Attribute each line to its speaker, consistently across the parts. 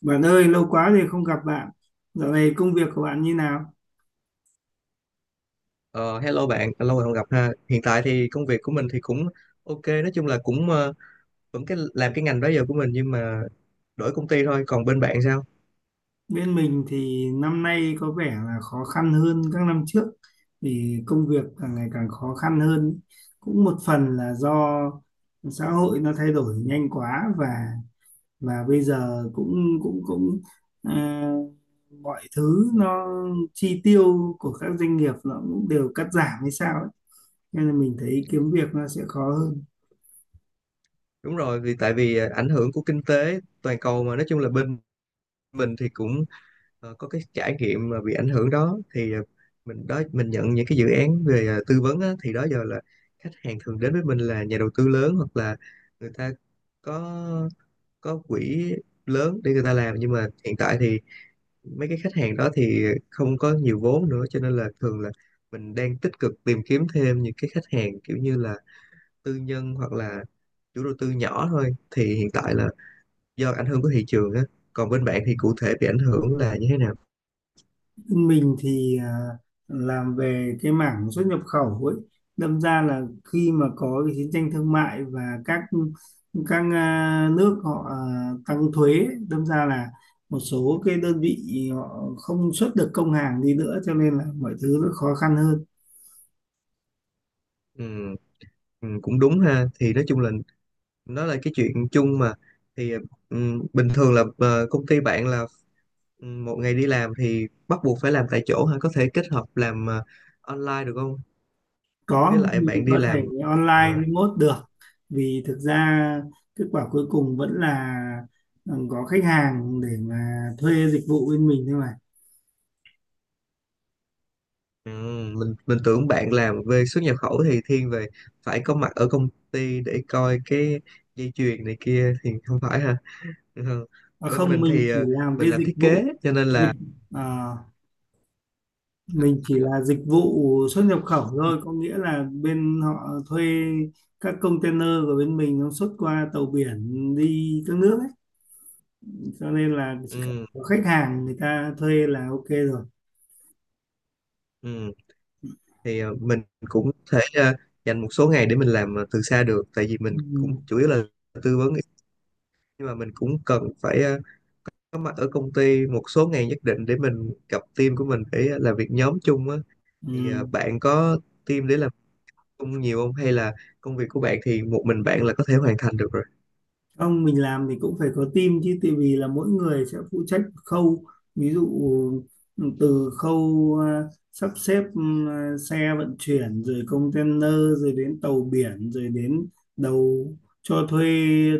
Speaker 1: Bạn ơi, lâu quá rồi không gặp bạn. Dạo này công việc của bạn như nào?
Speaker 2: Ờ, Hello bạn, lâu rồi không gặp ha. Hiện tại thì công việc của mình thì cũng ok, nói chung là cũng vẫn cái làm cái ngành đó giờ của mình nhưng mà đổi công ty thôi. Còn bên bạn sao?
Speaker 1: Bên mình thì năm nay có vẻ là khó khăn hơn các năm trước vì công việc càng ngày càng khó khăn hơn. Cũng một phần là do xã hội nó thay đổi nhanh quá và bây giờ cũng cũng cũng à, mọi thứ nó chi tiêu của các doanh nghiệp nó cũng đều cắt giảm hay sao ấy. Nên là mình thấy kiếm việc nó sẽ khó hơn.
Speaker 2: Đúng rồi, vì tại vì ảnh hưởng của kinh tế toàn cầu mà nói chung là bên mình thì cũng có cái trải nghiệm mà bị ảnh hưởng đó thì mình nhận những cái dự án về tư vấn á, thì đó giờ là khách hàng thường đến với mình là nhà đầu tư lớn hoặc là người ta có có quỹ lớn để người ta làm, nhưng mà hiện tại thì mấy cái khách hàng đó thì không có nhiều vốn nữa cho nên là thường là mình đang tích cực tìm kiếm thêm những cái khách hàng kiểu như là tư nhân hoặc là chủ đầu tư nhỏ thôi, thì hiện tại là do ảnh hưởng của thị trường á. Còn bên bạn thì cụ thể bị ảnh hưởng là như thế nào?
Speaker 1: Mình thì làm về cái mảng xuất nhập khẩu ấy, đâm ra là khi mà có cái chiến tranh thương mại và các nước họ tăng thuế ấy, đâm ra là một số cái đơn vị họ không xuất được công hàng đi nữa, cho nên là mọi thứ nó khó khăn hơn.
Speaker 2: Ừ, ừ, cũng đúng ha. Thì nói chung là nó là cái chuyện chung mà. Thì ừ, bình thường là công ty bạn là một ngày đi làm thì bắt buộc phải làm tại chỗ ha, có thể kết hợp làm online được không,
Speaker 1: Có,
Speaker 2: với lại
Speaker 1: mình
Speaker 2: bạn đi
Speaker 1: có
Speaker 2: làm
Speaker 1: thể
Speaker 2: ờ,
Speaker 1: online remote được. Vì thực ra kết quả cuối cùng vẫn là có khách hàng để mà thuê dịch vụ bên mình thôi mà.
Speaker 2: ừ? Mình tưởng bạn làm về xuất nhập khẩu thì thiên về phải có mặt ở công ty để coi cái dây chuyền này kia, thì không phải ha. Ừ.
Speaker 1: À,
Speaker 2: Bên
Speaker 1: không,
Speaker 2: mình
Speaker 1: mình
Speaker 2: thì
Speaker 1: chỉ làm
Speaker 2: mình
Speaker 1: cái
Speaker 2: làm
Speaker 1: dịch
Speaker 2: thiết
Speaker 1: vụ.
Speaker 2: kế cho nên là
Speaker 1: dịch à, mình chỉ là dịch vụ xuất nhập khẩu thôi, có nghĩa là bên họ thuê các container của bên mình nó xuất qua tàu biển đi các nước ấy, cho nên là chỉ cần
Speaker 2: ừ,
Speaker 1: có khách hàng người ta thuê là ok rồi.
Speaker 2: ừ, thì mình cũng thể dành một số ngày để mình làm từ xa được, tại vì mình cũng
Speaker 1: Ừ.
Speaker 2: chủ yếu là tư vấn, nhưng mà mình cũng cần phải có mặt ở công ty một số ngày nhất định để mình gặp team của mình, để làm việc nhóm chung á. Thì
Speaker 1: Ừ.
Speaker 2: bạn có team để làm không nhiều không? Hay là công việc của bạn thì một mình bạn là có thể hoàn thành được rồi?
Speaker 1: Không, mình làm thì cũng phải có team chứ, tại vì là mỗi người sẽ phụ trách một khâu. Ví dụ từ khâu sắp xếp xe vận chuyển, rồi container, rồi đến tàu biển, rồi đến đầu cho thuê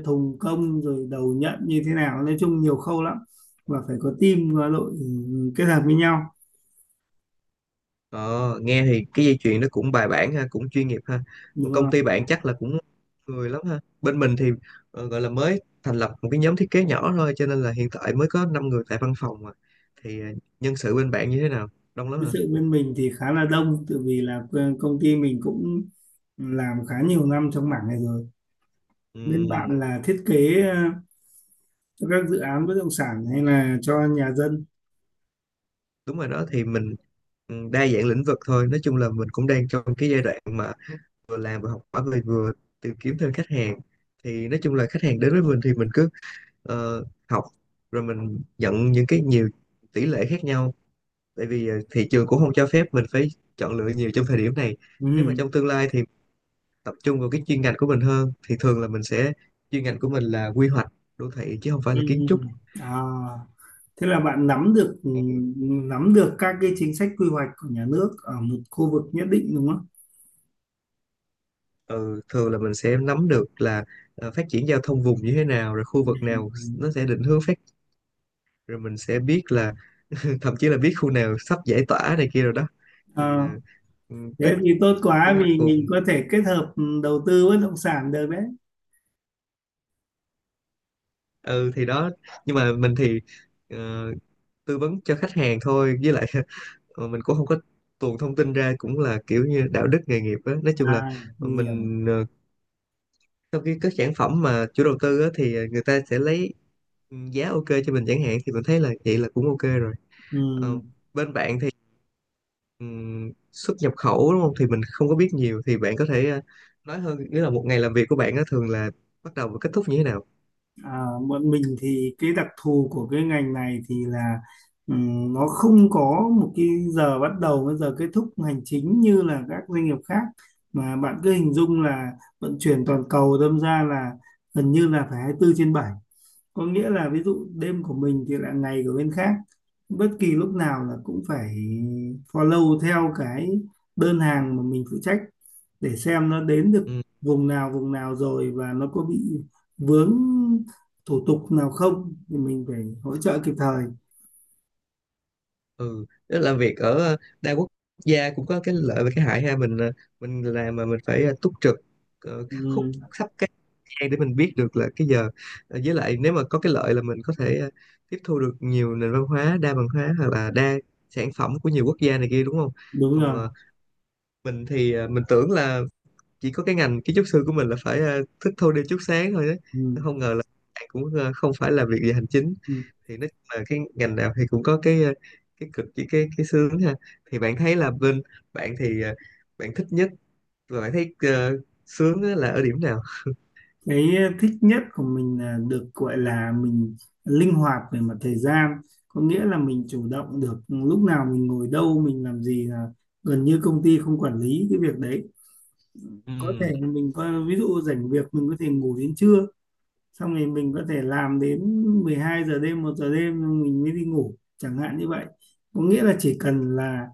Speaker 1: thùng công, rồi đầu nhận như thế nào, nói chung nhiều khâu lắm, và phải có team và đội kết hợp với nhau,
Speaker 2: Ờ, nghe thì cái dây chuyền nó cũng bài bản ha, cũng chuyên nghiệp ha.
Speaker 1: đúng
Speaker 2: Còn công ty
Speaker 1: không?
Speaker 2: bạn chắc là cũng người lắm ha. Bên mình thì gọi là mới thành lập một cái nhóm thiết kế nhỏ thôi, cho nên là hiện tại mới có 5 người tại văn phòng mà. Thì nhân sự bên bạn như thế nào? Đông lắm
Speaker 1: Cái
Speaker 2: hả?
Speaker 1: sự bên mình thì khá là đông, tại vì là công ty mình cũng làm khá nhiều năm trong mảng này rồi. Bên
Speaker 2: Ừm,
Speaker 1: bạn là thiết kế cho các dự án bất động sản hay là cho nhà dân?
Speaker 2: đúng rồi đó. Thì mình đa dạng lĩnh vực thôi. Nói chung là mình cũng đang trong cái giai đoạn mà vừa làm vừa học hỏi, vừa vừa tìm kiếm thêm khách hàng. Thì nói chung là khách hàng đến với mình thì mình cứ học, rồi mình nhận những cái nhiều tỷ lệ khác nhau, tại vì thị trường cũng không cho phép mình phải chọn lựa nhiều trong thời điểm này. Nếu mà
Speaker 1: Ừ.
Speaker 2: trong tương lai thì tập trung vào cái chuyên ngành của mình hơn, thì thường là mình sẽ chuyên ngành của mình là quy hoạch đô thị chứ không phải
Speaker 1: Ừ.
Speaker 2: là kiến trúc.
Speaker 1: À, thế là bạn nắm được các cái chính sách quy hoạch của nhà nước ở một khu vực nhất định, đúng không?
Speaker 2: Ừ, thường là mình sẽ nắm được là phát triển giao thông vùng như thế nào, rồi khu vực nào nó sẽ định hướng phát, rồi mình sẽ biết là thậm chí là biết khu nào sắp giải tỏa này kia rồi đó. Thì
Speaker 1: Ờ,
Speaker 2: ừ,
Speaker 1: thế
Speaker 2: đất
Speaker 1: thì tốt
Speaker 2: quy
Speaker 1: quá,
Speaker 2: hoạch
Speaker 1: vì
Speaker 2: phù.
Speaker 1: mình có thể kết hợp đầu tư bất động sản được đấy.
Speaker 2: Ừ thì đó, nhưng mà mình thì ờ, tư vấn cho khách hàng thôi, với lại mình cũng không có tuồn thông tin ra, cũng là kiểu như đạo đức nghề nghiệp á. Nói chung là
Speaker 1: À, mình hiểu.
Speaker 2: mình sau khi có sản phẩm mà chủ đầu tư á thì người ta sẽ lấy giá ok cho mình chẳng hạn, thì mình thấy là vậy là cũng ok rồi.
Speaker 1: Ừ.
Speaker 2: Ờ, bên bạn thì xuất nhập khẩu đúng không, thì mình không có biết nhiều, thì bạn có thể nói hơn, nghĩa là một ngày làm việc của bạn á thường là bắt đầu và kết thúc như thế nào.
Speaker 1: À, bọn mình thì cái đặc thù của cái ngành này thì là nó không có một cái giờ bắt đầu với giờ kết thúc hành chính như là các doanh nghiệp khác, mà bạn cứ hình dung là vận chuyển toàn cầu, đâm ra là gần như là phải 24 trên bảy. Có nghĩa là ví dụ đêm của mình thì là ngày của bên khác, bất kỳ lúc nào là cũng phải follow theo cái đơn hàng mà mình phụ trách để xem nó đến được
Speaker 2: Ừ.
Speaker 1: vùng nào rồi và nó có bị vướng thủ tục nào không, thì mình phải hỗ trợ kịp thời.
Speaker 2: Ừ, tức là việc ở đa quốc gia cũng có cái lợi và cái hại ha. Mình mình làm mà mình phải túc trực khắc khúc
Speaker 1: Ừ,
Speaker 2: sắp cái gian để mình biết được là cái giờ. Ờ, với lại nếu mà có cái lợi là mình có thể tiếp thu được nhiều nền văn hóa, đa văn hóa, hoặc là đa sản phẩm của nhiều quốc gia này kia đúng không.
Speaker 1: đúng
Speaker 2: Còn
Speaker 1: rồi.
Speaker 2: mình thì mình tưởng là chỉ có cái ngành kiến trúc sư của mình là phải thức thâu đêm chút sáng thôi
Speaker 1: Ừ.
Speaker 2: đó, không ngờ là cũng không phải là việc về hành chính.
Speaker 1: Ừ.
Speaker 2: Thì nói chung là cái ngành nào thì cũng có cái cái cực với cái sướng ha. Thì bạn thấy là bên bạn thì bạn thích nhất và bạn thấy sướng á là ở điểm nào?
Speaker 1: Cái thích nhất của mình là được gọi là mình linh hoạt về mặt thời gian, có nghĩa là mình chủ động được lúc nào mình ngồi đâu mình làm gì, là gần như công ty không quản lý cái việc đấy. Có thể
Speaker 2: Ừm.
Speaker 1: là mình có ví dụ rảnh việc mình có thể ngủ đến trưa, xong rồi mình có thể làm đến 12 giờ đêm, 1 giờ đêm xong mình mới đi ngủ, chẳng hạn như vậy. Có nghĩa là chỉ cần là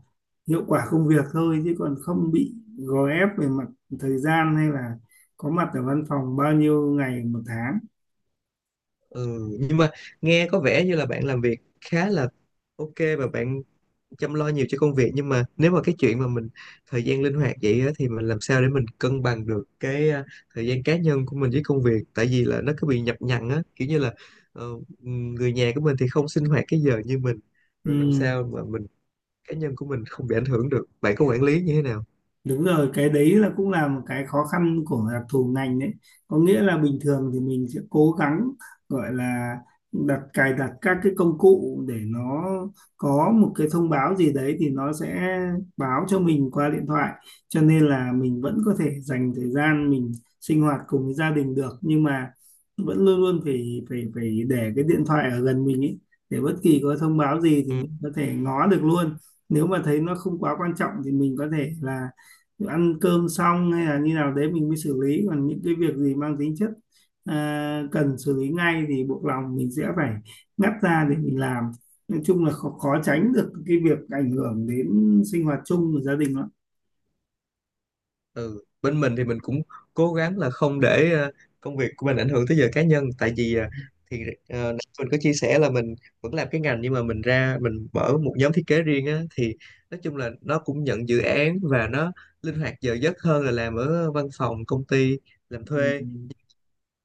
Speaker 1: hiệu quả công việc thôi, chứ còn không bị gò ép về mặt thời gian hay là có mặt ở văn phòng bao nhiêu ngày một tháng.
Speaker 2: Ừ, nhưng mà nghe có vẻ như là bạn làm việc khá là ok và bạn chăm lo nhiều cho công việc. Nhưng mà nếu mà cái chuyện mà mình thời gian linh hoạt vậy á, thì mình làm sao để mình cân bằng được cái thời gian cá nhân của mình với công việc, tại vì là nó cứ bị nhập nhằng á, kiểu như là ờ, người nhà của mình thì không sinh hoạt cái giờ như mình, rồi làm
Speaker 1: Ừ.
Speaker 2: sao mà mình cá nhân của mình không bị ảnh hưởng, được bạn có quản lý như thế nào?
Speaker 1: Đúng rồi, cái đấy là cũng là một cái khó khăn của đặc thù ngành đấy. Có nghĩa là bình thường thì mình sẽ cố gắng gọi là đặt cài đặt các cái công cụ, để nó có một cái thông báo gì đấy thì nó sẽ báo cho mình qua điện thoại. Cho nên là mình vẫn có thể dành thời gian mình sinh hoạt cùng với gia đình được, nhưng mà vẫn luôn luôn phải phải phải để cái điện thoại ở gần mình ấy, để bất kỳ có thông báo gì thì
Speaker 2: Ừ.
Speaker 1: mình có thể ngó được luôn. Nếu mà thấy nó không quá quan trọng thì mình có thể là ăn cơm xong hay là như nào đấy mình mới xử lý, còn những cái việc gì mang tính chất cần xử lý ngay thì buộc lòng mình sẽ phải ngắt ra để mình làm. Nói chung là khó, khó tránh được cái việc ảnh hưởng đến sinh hoạt chung của gia đình đó.
Speaker 2: Ừ, bên mình thì mình cũng cố gắng là không để công việc của mình ảnh hưởng tới giờ cá nhân, tại vì thì nãy mình có chia sẻ là mình vẫn làm cái ngành, nhưng mà mình ra mình mở một nhóm thiết kế riêng á, thì nói chung là nó cũng nhận dự án và nó linh hoạt giờ giấc hơn là làm ở văn phòng công ty làm thuê.
Speaker 1: Ừ.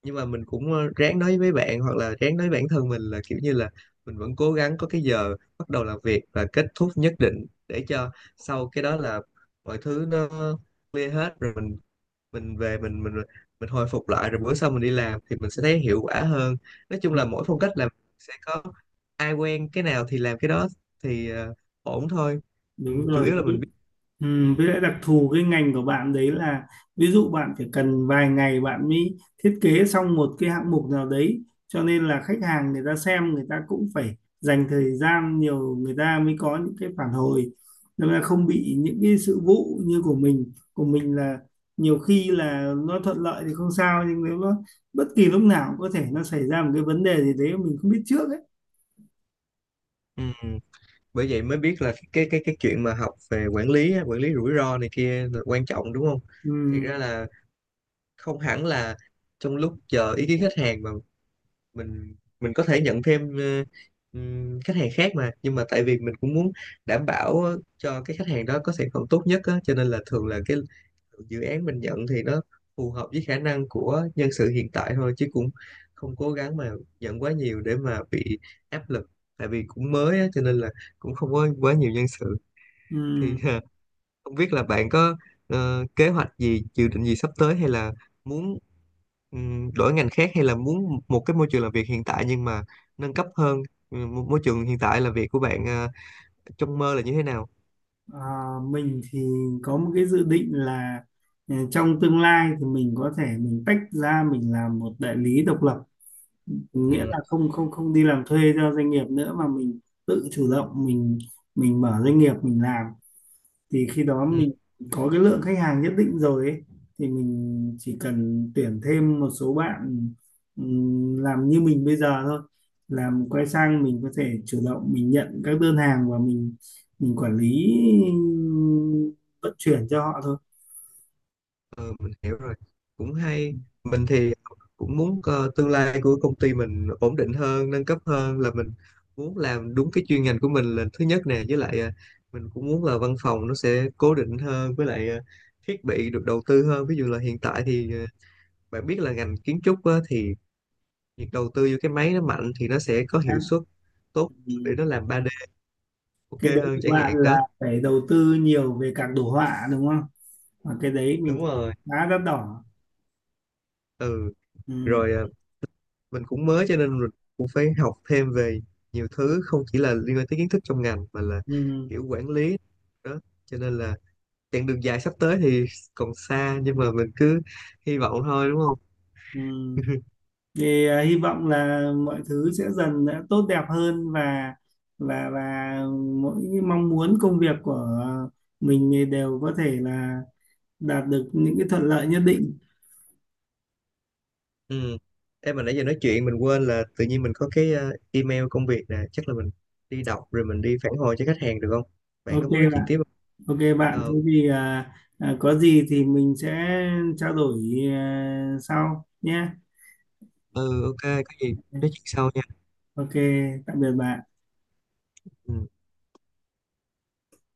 Speaker 2: Nhưng mà mình cũng ráng nói với bạn hoặc là ráng nói với bản thân mình là kiểu như là mình vẫn cố gắng có cái giờ bắt đầu làm việc và kết thúc nhất định, để cho sau cái đó là mọi thứ nó clear hết rồi, mình về, mình hồi phục lại, rồi bữa sau mình đi làm thì mình sẽ thấy hiệu quả hơn. Nói chung là mỗi phong cách làm sẽ có, ai quen cái nào thì làm cái đó, thì ổn thôi. Ừ,
Speaker 1: Đúng
Speaker 2: chủ
Speaker 1: rồi.
Speaker 2: yếu là mình biết.
Speaker 1: Ừ, với lại đặc thù cái ngành của bạn đấy là ví dụ bạn phải cần vài ngày bạn mới thiết kế xong một cái hạng mục nào đấy, cho nên là khách hàng người ta xem, người ta cũng phải dành thời gian nhiều người ta mới có những cái phản hồi, nên là không bị những cái sự vụ như của mình là nhiều khi là nó thuận lợi thì không sao, nhưng nếu nó bất kỳ lúc nào cũng có thể nó xảy ra một cái vấn đề gì đấy mà mình không biết trước ấy.
Speaker 2: Ừ, bởi vậy mới biết là cái chuyện mà học về quản lý á, quản lý rủi ro này kia là quan trọng đúng không.
Speaker 1: Ừ.
Speaker 2: Thiệt ra là không hẳn là trong lúc chờ ý kiến khách hàng mà mình có thể nhận thêm khách hàng khác mà. Nhưng mà tại vì mình cũng muốn đảm bảo cho cái khách hàng đó có sản phẩm tốt nhất á, cho nên là thường là cái dự án mình nhận thì nó phù hợp với khả năng của nhân sự hiện tại thôi, chứ cũng không cố gắng mà nhận quá nhiều để mà bị áp lực, tại vì cũng mới á, cho nên là cũng không có quá nhiều nhân sự. Thì
Speaker 1: Ừ.
Speaker 2: không biết là bạn có kế hoạch gì, dự định gì sắp tới, hay là muốn đổi ngành khác, hay là muốn một cái môi trường làm việc hiện tại nhưng mà nâng cấp hơn. Ừ, môi môi trường hiện tại là việc của bạn trong mơ là như thế nào?
Speaker 1: Ờ, mình thì có một cái dự định là trong tương lai thì mình có thể mình tách ra mình làm một đại lý độc lập, nghĩa
Speaker 2: Ừ.
Speaker 1: là không không không đi làm thuê cho doanh nghiệp nữa, mà mình tự chủ động mình mở doanh nghiệp mình làm. Thì khi đó
Speaker 2: Ừ.
Speaker 1: mình có cái lượng khách hàng nhất định rồi ấy, thì mình chỉ cần tuyển thêm một số bạn làm như mình bây giờ thôi, làm quay sang mình có thể chủ động mình nhận các đơn hàng và mình quản lý ừm, vận chuyển cho họ thôi.
Speaker 2: Ờ, mình hiểu rồi, cũng hay. Mình thì cũng muốn, tương lai của công ty mình ổn định hơn, nâng cấp hơn, là mình muốn làm đúng cái chuyên ngành của mình là thứ nhất nè, với lại, mình cũng muốn là văn phòng nó sẽ cố định hơn, với lại, thiết bị được đầu tư hơn. Ví dụ là hiện tại thì, bạn biết là ngành kiến trúc á, thì việc đầu tư vô cái máy nó mạnh thì nó sẽ có hiệu
Speaker 1: Đã.
Speaker 2: suất tốt để
Speaker 1: Ừm,
Speaker 2: nó làm 3D
Speaker 1: cái
Speaker 2: ok
Speaker 1: đấy
Speaker 2: hơn
Speaker 1: của
Speaker 2: chẳng
Speaker 1: bạn
Speaker 2: hạn
Speaker 1: là
Speaker 2: đó.
Speaker 1: phải đầu tư nhiều về các đồ họa, đúng không? Và cái đấy mình
Speaker 2: Đúng rồi,
Speaker 1: khá đắt đỏ.
Speaker 2: ừ.
Speaker 1: Ừm.
Speaker 2: Rồi, mình cũng mới cho nên mình cũng phải học thêm về nhiều thứ, không chỉ là liên quan tới kiến thức trong ngành mà là
Speaker 1: Ừm.
Speaker 2: kiểu quản lý đó. Cho nên là chặng đường dài sắp tới thì còn xa, nhưng mà mình cứ hy vọng thôi đúng không.
Speaker 1: Ừm. Thì hy vọng là mọi thứ sẽ dần đã tốt đẹp hơn và và và mỗi mong muốn công việc của mình thì đều có thể là đạt được những cái thuận lợi nhất định.
Speaker 2: Ừ. Em mà nãy giờ nói chuyện mình quên là tự nhiên mình có cái email công việc nè, chắc là mình đi đọc rồi mình đi phản hồi cho khách hàng được không, bạn có
Speaker 1: Ok
Speaker 2: muốn nói chuyện
Speaker 1: bạn.
Speaker 2: tiếp không?
Speaker 1: Ok bạn,
Speaker 2: Ờ.
Speaker 1: thế thì có gì thì mình sẽ trao đổi sau nhé.
Speaker 2: Ừ, ok, có gì nói chuyện sau nha.
Speaker 1: Ok, tạm biệt bạn.
Speaker 2: Ừ.